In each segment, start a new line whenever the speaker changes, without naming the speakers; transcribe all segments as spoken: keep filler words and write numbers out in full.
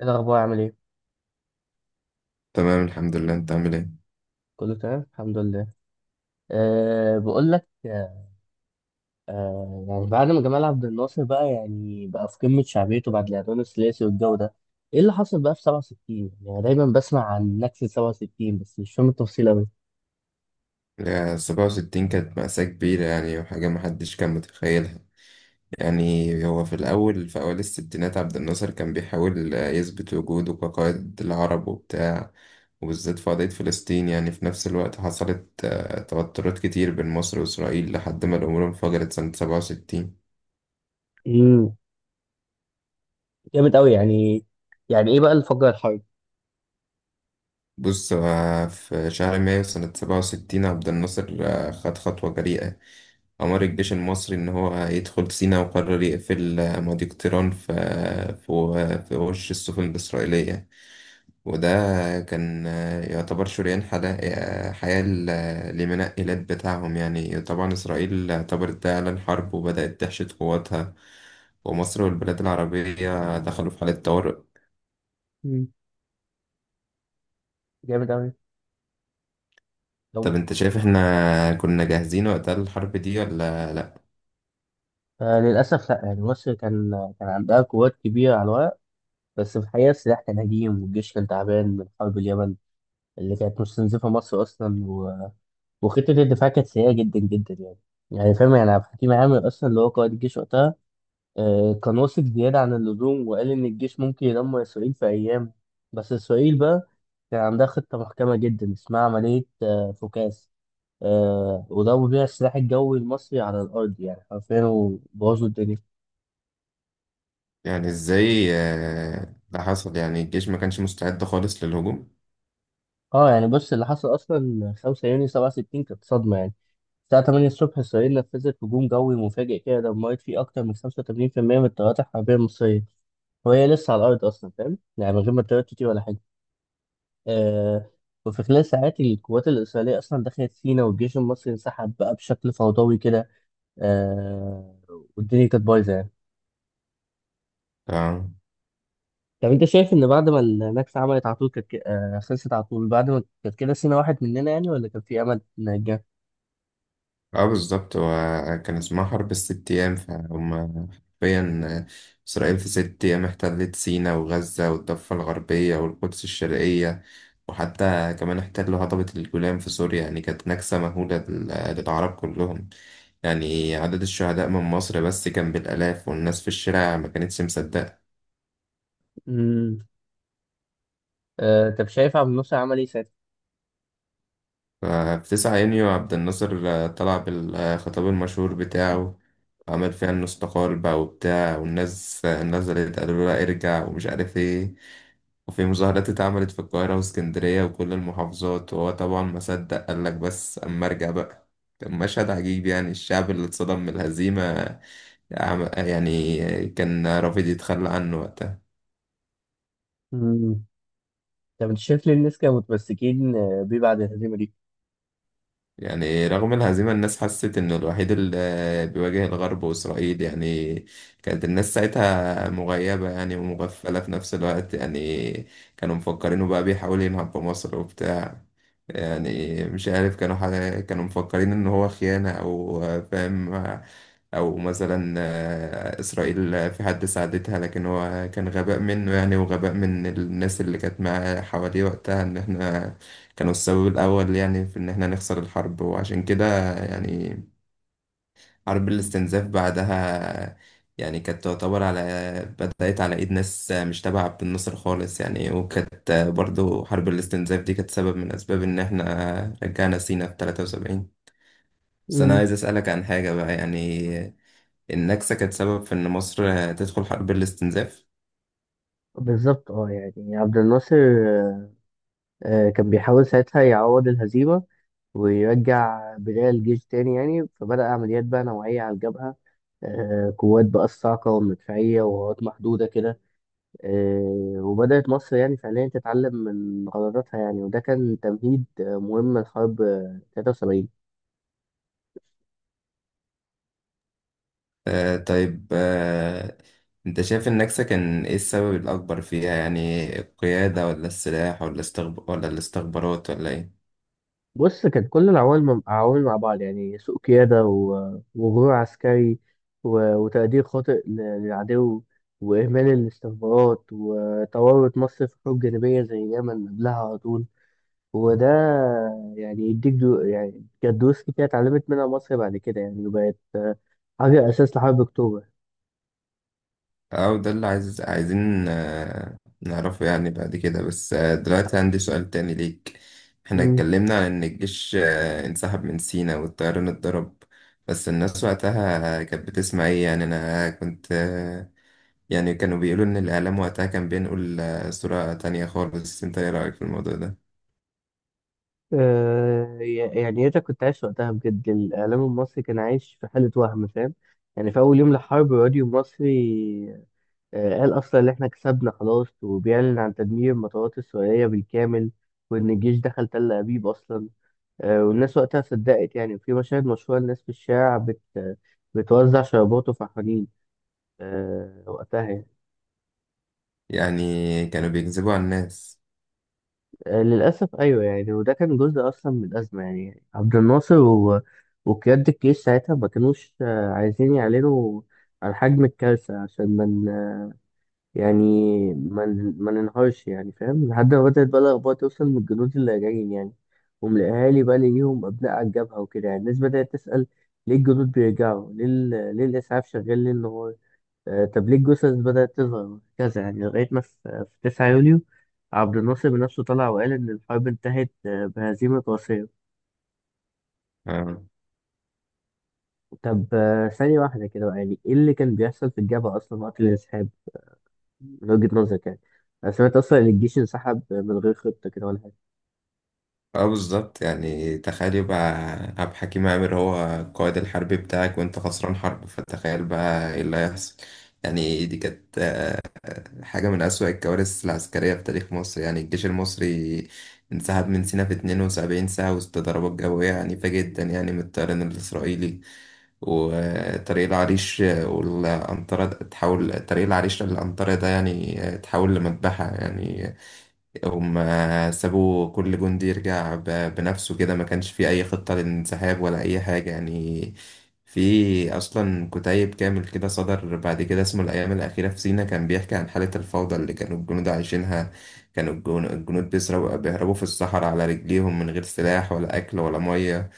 إيه الأخبار عامل إيه؟
تمام، الحمد لله. انت عامل ايه؟
كله تمام؟ الحمد لله. أه بقول لك. أه يعني بعد ما جمال عبد الناصر بقى يعني بقى في قمة شعبيته بعد الإعدام الثلاثي والجو ده، إيه اللي حصل بقى في سبعة وستين؟ يعني أنا دايما بسمع عن نكسة سبعة وستين بس مش فاهم التفصيل أوي.
لا، سبعة وستين كانت مأساة كبيرة، يعني وحاجة محدش كان متخيلها. يعني هو في الأول في أوائل الستينات عبد الناصر كان بيحاول آه، يثبت وجوده كقائد العرب وبتاع. وبالذات في قضية فلسطين، يعني في نفس الوقت حصلت آه، توترات كتير بين مصر وإسرائيل لحد ما الأمور انفجرت سنة سبعة وستين.
امم. جامد أوي يعني. يعني إيه بقى اللي فجر الحرب؟
بص، آه، في شهر مايو سنة سبعة وستين عبد الناصر آه، خد خطوة جريئة. أمر الجيش المصري إن هو يدخل سيناء، وقرر يقفل مضيق طيران في في في وش السفن الإسرائيلية. وده كان يعتبر شريان حلا- حياة ل- لمنقلات بتاعهم. يعني طبعا إسرائيل اعتبرت ده إعلان حرب وبدأت تحشد قواتها، ومصر والبلاد العربية دخلوا في حالة طوارئ.
امم. جامد أوي. طب
طب أنت شايف إحنا كنا جاهزين وقتها للحرب دي ولا لأ؟
آه للأسف لأ، يعني مصر كان كان عندها قوات كبيرة على الورق، بس في الحقيقة السلاح كان هجيم والجيش كان تعبان من حرب اليمن اللي كانت مستنزفة مصر أصلا، وخطة الدفاع كانت سيئة جدا جدا يعني. يعني فاهم، يعني عبد الحكيم عامر أصلا اللي هو قائد الجيش وقتها آه كان واثق زيادة عن اللزوم وقال إن الجيش ممكن يدمر إسرائيل في أيام. بس إسرائيل بقى كان عندها خطة محكمة جدا اسمها عملية آه فوكاس. آه وضربوا بيها السلاح الجوي المصري على الأرض يعني حرفيا وبوظوا الدنيا.
يعني إزاي آه، ده حصل؟ يعني الجيش ما كانش مستعد خالص للهجوم؟
اه يعني بص، اللي حصل أصلا 5 يونيو سبعة وستين كانت صدمة يعني. الساعة ثمانية الصبح إسرائيل نفذت هجوم جوي مفاجئ كده، دمرت فيه أكتر من خمسة وثمانين في المية من الطيارات الحربية المصرية وهي لسه على الأرض أصلا، فاهم يعني، من غير ما ترتتي ولا حاجة. آه وفي خلال ساعات القوات الإسرائيلية أصلا دخلت سينا، والجيش المصري انسحب بقى بشكل فوضوي كده. آه والدنيا كانت بايظة يعني.
آه.
طب أنت شايف إن بعد ما النكسة عملت على طول كانت ك- آه خلصت على طول بعد ما كانت كده سينا واحد مننا يعني، ولا كان في أمل نرجع؟
اه، بالظبط. هو كان اسمها حرب الست أيام، فهم حرفيا. إسرائيل في ست أيام احتلت سيناء وغزة والضفة الغربية والقدس الشرقية، وحتى كمان احتلوا هضبة الجولان في سوريا. يعني كانت نكسة مهولة لل- للعرب كلهم. يعني عدد الشهداء من مصر بس كان بالآلاف، والناس في الشارع ما كانتش مصدقة.
امم. آه طب شايف عبد الناصر عمل إيه ساعتها؟
في تسعة يونيو عبد الناصر آه، طلع بالخطاب المشهور بتاعه. عمل فيها انه استقال بقى وبتاع، والناس آه، نزلت قالوا له لا ارجع ومش عارف ايه. وفي مظاهرات اتعملت في القاهرة واسكندرية وكل المحافظات، وهو طبعا ما صدق، قال لك بس أما أرجع بقى. كان مشهد عجيب، يعني الشعب اللي اتصدم من الهزيمة، عم- يعني كان رافض يتخلى عنه وقتها.
امم. طب أنت شايف ليه الناس كانوا متمسكين آه، بيه بعد الهزيمة دي؟
يعني رغم الهزيمة الناس حست إنه الوحيد اللي بيواجه الغرب وإسرائيل. يعني كانت الناس ساعتها مغيبة يعني ومغفلة في نفس الوقت. يعني كانوا مفكرينه بقى بيحاول ينهب بمصر وبتاع. يعني مش عارف كانوا حاجة، كانوا مفكرين إن هو خيانة، أو فاهم، او مثلا آه، اسرائيل آه، في حد ساعدتها. لكن هو كان غباء منه، يعني وغباء من الناس اللي كانت معاه حواليه وقتها، ان احنا كانوا السبب الاول، يعني في ان احنا نخسر الحرب. وعشان كده يعني حرب الاستنزاف بعدها، يعني كانت تعتبر على، بدأت على ايد ناس مش تبع عبد الناصر خالص. يعني وكانت برضو حرب الاستنزاف دي كانت سبب من اسباب ان احنا رجعنا سينا في تلاتة وسبعين. بس انا
امم.
عايز اسألك عن حاجة بقى. يعني النكسة كانت سبب في إن مصر تدخل حرب الاستنزاف.
بالظبط، اه يعني عبد الناصر آه، كان بيحاول ساعتها يعوض الهزيمة، ويرجع بداية الجيش تاني يعني. فبدأ عمليات بقى نوعية على الجبهة، آه، قوات بقى الصاعقة والمدفعية وقوات محدودة كده. آه، وبدأت مصر يعني فعليا تتعلم من غلطاتها يعني، وده كان تمهيد آه، مهم لحرب آه، ثلاثة وسبعين.
آه، طيب. آه أنت شايف النكسة كان إيه السبب الأكبر فيها؟ يعني القيادة ولا السلاح ولا استخب... ولا الاستخبارات ولا إيه؟
بص، كانت كل العوامل مع- عوامل مع بعض يعني: سوء قيادة، و- وغرور عسكري، و- وتقدير خاطئ ل- للعدو، وإهمال الاستخبارات، وتورط مصر في حروب جانبية زي اليمن قبلها على طول. وده يعني يديك دو يعني كانت دروس كتير اتعلمت منها مصر بعد كده يعني، وبقت حاجة أساس لحرب أكتوبر.
أو ده اللي عايز عايزين آه نعرفه يعني بعد كده. بس آه دلوقتي عندي سؤال تاني ليك. إحنا
مم.
اتكلمنا عن إن الجيش آه انسحب من سينا والطيران اتضرب. بس الناس وقتها كانت بتسمع إيه؟ يعني أنا كنت، يعني كانوا بيقولوا إن الإعلام وقتها كان بينقل آه، صورة تانية خالص. أنت إيه رأيك في الموضوع ده؟
آه ي- يعني أنت كنت عايش وقتها، بجد الإعلام المصري كان عايش في حالة وهم، فاهم يعني. في أول يوم للحرب الراديو المصري آه، قال أصلا إن إحنا كسبنا خلاص، وبيعلن عن تدمير المطارات السورية بالكامل، وإن الجيش دخل تل أبيب أصلا. آه، والناس وقتها صدقت يعني، وفي مشاهد مشهورة الناس في الشارع بت بتوزع شرابات وفرحانين آه، وقتها يعني.
يعني كانوا بيكذبوا على الناس.
آه، للأسف أيوه يعني، وده كان جزء أصلا من الأزمة يعني. عبد الناصر و... وقيادة الجيش ساعتها ما كانوش آه، عايزين يعلنوا عن حجم الكارثة عشان ما يعني ما ن- ما ننهارش يعني، فاهم، لحد ما بدأت بقى الأخبار توصل من الجنود اللي راجعين يعني، وملاقيهالي بقى ليهم أبناء على الجبهة وكده. يعني الناس بدأت تسأل ليه الجنود بيرجعوا، ليه ال- ليه الإسعاف شغال ليل نهار، آه طب ليه الجثث بدأت تظهر كذا يعني، لغاية ما في في 9 يوليو عبد الناصر بنفسه طلع وقال إن الحرب انتهت آه، بهزيمة قاسية.
آه.
طب آه، ثانية واحدة كده بقى، يعني إيه اللي كان بيحصل في الجبهة أصلا وقت الانسحاب، من وجهة نظرك يعني؟ أنا سمعت أصلا إن الجيش انسحب من غير خطة كده ولا حاجة،
اه، بالظبط. يعني تخيل يبقى عبد الحكيم عامر هو القائد الحربي بتاعك، وانت خسران حرب، فتخيل بقى ايه اللي هيحصل. يعني دي كانت آه، حاجة من أسوأ الكوارث العسكرية في تاريخ مصر. يعني الجيش المصري انسحب من سيناء في اتنين وسبعين ساعة وسط ضربات جوية عنيفة جدا، يعني من الطيران الإسرائيلي. وطريق العريش والأنطرة، تحول طريق العريش للأنطرة ده، يعني تحول لمذبحة. يعني هم سابوا كل جندي يرجع ب- بنفسه كده، ما كانش في أي خطة للانسحاب ولا أي حاجة. يعني في أصلا كتيب كامل كده صدر بعد كده اسمه الأيام الأخيرة في سينا، كان بيحكي عن حالة الفوضى اللي كانوا الجنود عايشينها. كانوا الجن- الجنود بيسرقوا بيهربوا في الصحراء على رجليهم من غير سلاح ولا أكل ولا مية.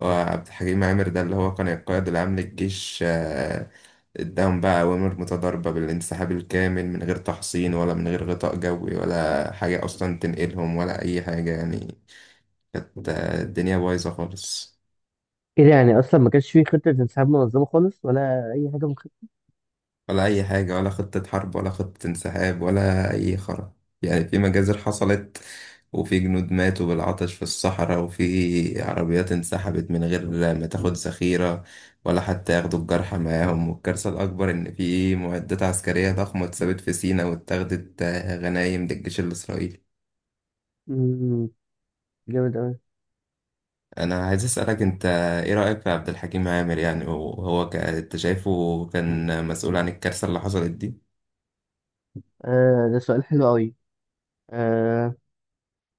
وعبد الحكيم عامر ده اللي هو كان القائد العام للجيش، آه، قدام بقى أوامر متضاربة بالانسحاب الكامل من غير تحصين ولا من غير غطاء جوي ولا حاجة أصلا تنقلهم ولا أي حاجة. يعني كانت آه، الدنيا بايظة خالص.
كده يعني اصلا ما كانش فيه خطه انسحاب منظمه خالص ولا اي حاجه من خطه.
ولا أي حاجة، ولا خطة حرب ولا خطة انسحاب ولا أي خرا. يعني في مجازر حصلت، وفي جنود ماتوا بالعطش في الصحراء، وفي عربيات انسحبت من غير ما تاخد ذخيرة، ولا حتى ياخدوا الجرحى معاهم. والكارثة الأكبر إن في معدات عسكرية ضخمة اتثبت في سيناء واتاخدت آه، غنايم للجيش الإسرائيلي.
مم. جامد قوي.
أنا عايز أسألك أنت، إيه رأيك في عبد الحكيم عامر؟ يعني وهو ك- أنت شايفه كان مسؤول عن الكارثة اللي حصلت دي؟
آه ده سؤال حلو قوي. آه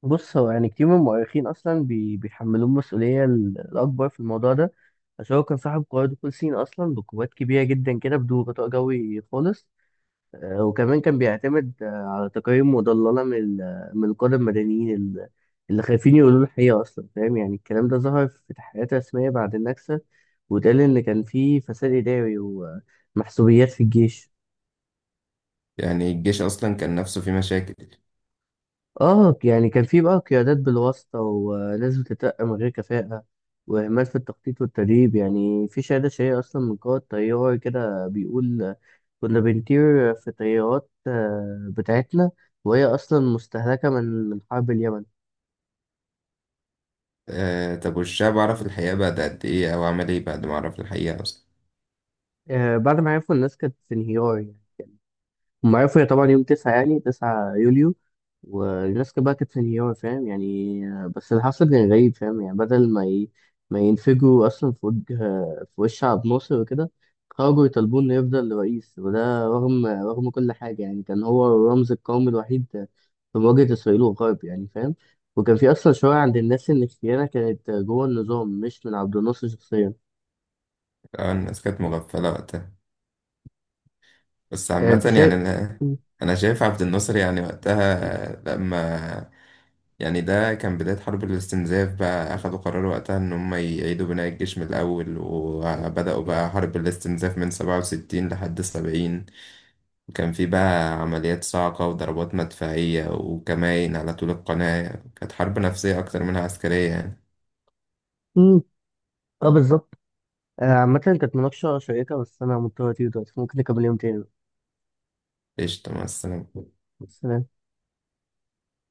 بص، هو يعني كتير من المؤرخين اصلا بي بيحملوه المسؤوليه ال- الاكبر في الموضوع ده، عشان هو كان صاحب قوات دخول سين اصلا بقوات كبيره جدا كده بدون غطاء جوي خالص. آه، وكمان كان بيعتمد آه، على تقارير مضللة من ال- من القادة المدنيين ال- اللي خايفين يقولوا الحقيقة أصلا، فاهم يعني. الكلام ده ظهر في تحقيقات رسمية بعد النكسة، واتقال إن كان في فساد إداري ومحسوبيات في الجيش.
يعني الجيش أصلا كان نفسه فيه مشاكل.
اه يعني كان في بقى قيادات بالواسطة وناس بتترقى من غير كفاءة، وإهمال في التخطيط والتدريب يعني. في شهادة شهية أصلا من قائد طيار كده بيقول كنا بنطير في الطيارات آه، بتاعتنا وهي أصلا مستهلكة من من حرب اليمن.
آه، طب والشعب عرف الحقيقة بعد قد إيه، أو عمل إيه بعد ما عرف الحقيقة أصلا؟
آه، بعد ما عرفوا الناس كانت في انهيار يعني. هم عرفوا هي طبعا يوم تسعة يعني تسعة يوليو، والناس كانت بقى كانت في نيويورك فاهم يعني. بس اللي حصل كان غريب، فاهم يعني، بدل ما ي... ما ينفجروا أصلا في وجه في وش عبد الناصر وكده، خرجوا يطالبوا إنه يفضل رئيس. وده رغم رغم كل حاجة، يعني كان هو الرمز القومي الوحيد في مواجهة إسرائيل والغرب يعني، فاهم. وكان في أصلا شوية عند الناس إن الخيانة كانت جوه النظام مش من عبد الناصر شخصيا.
آه، الناس كانت مغفلة وقتها. بس
آه، أنت
عامة
شايف؟
يعني أنا أنا شايف عبد الناصر يعني وقتها، آه، لما يعني ده كان بداية حرب الاستنزاف. بقى أخدوا قرار وقتها إن هم يعيدوا بناء الجيش من الأول، وبدأوا بقى حرب الاستنزاف من سبعة وستين لحد سبعين. وكان في بقى عمليات صاعقة وضربات مدفعية وكمائن على طول القناة. كانت حرب نفسية أكتر منها عسكرية. يعني
مم. اه بالظبط. آه، عامة كانت مناقشة شيقة، بس أنا مضطر أطير دلوقتي، ممكن نكمل يوم تاني بقى.
قشطة، مع السلامة.
سلام.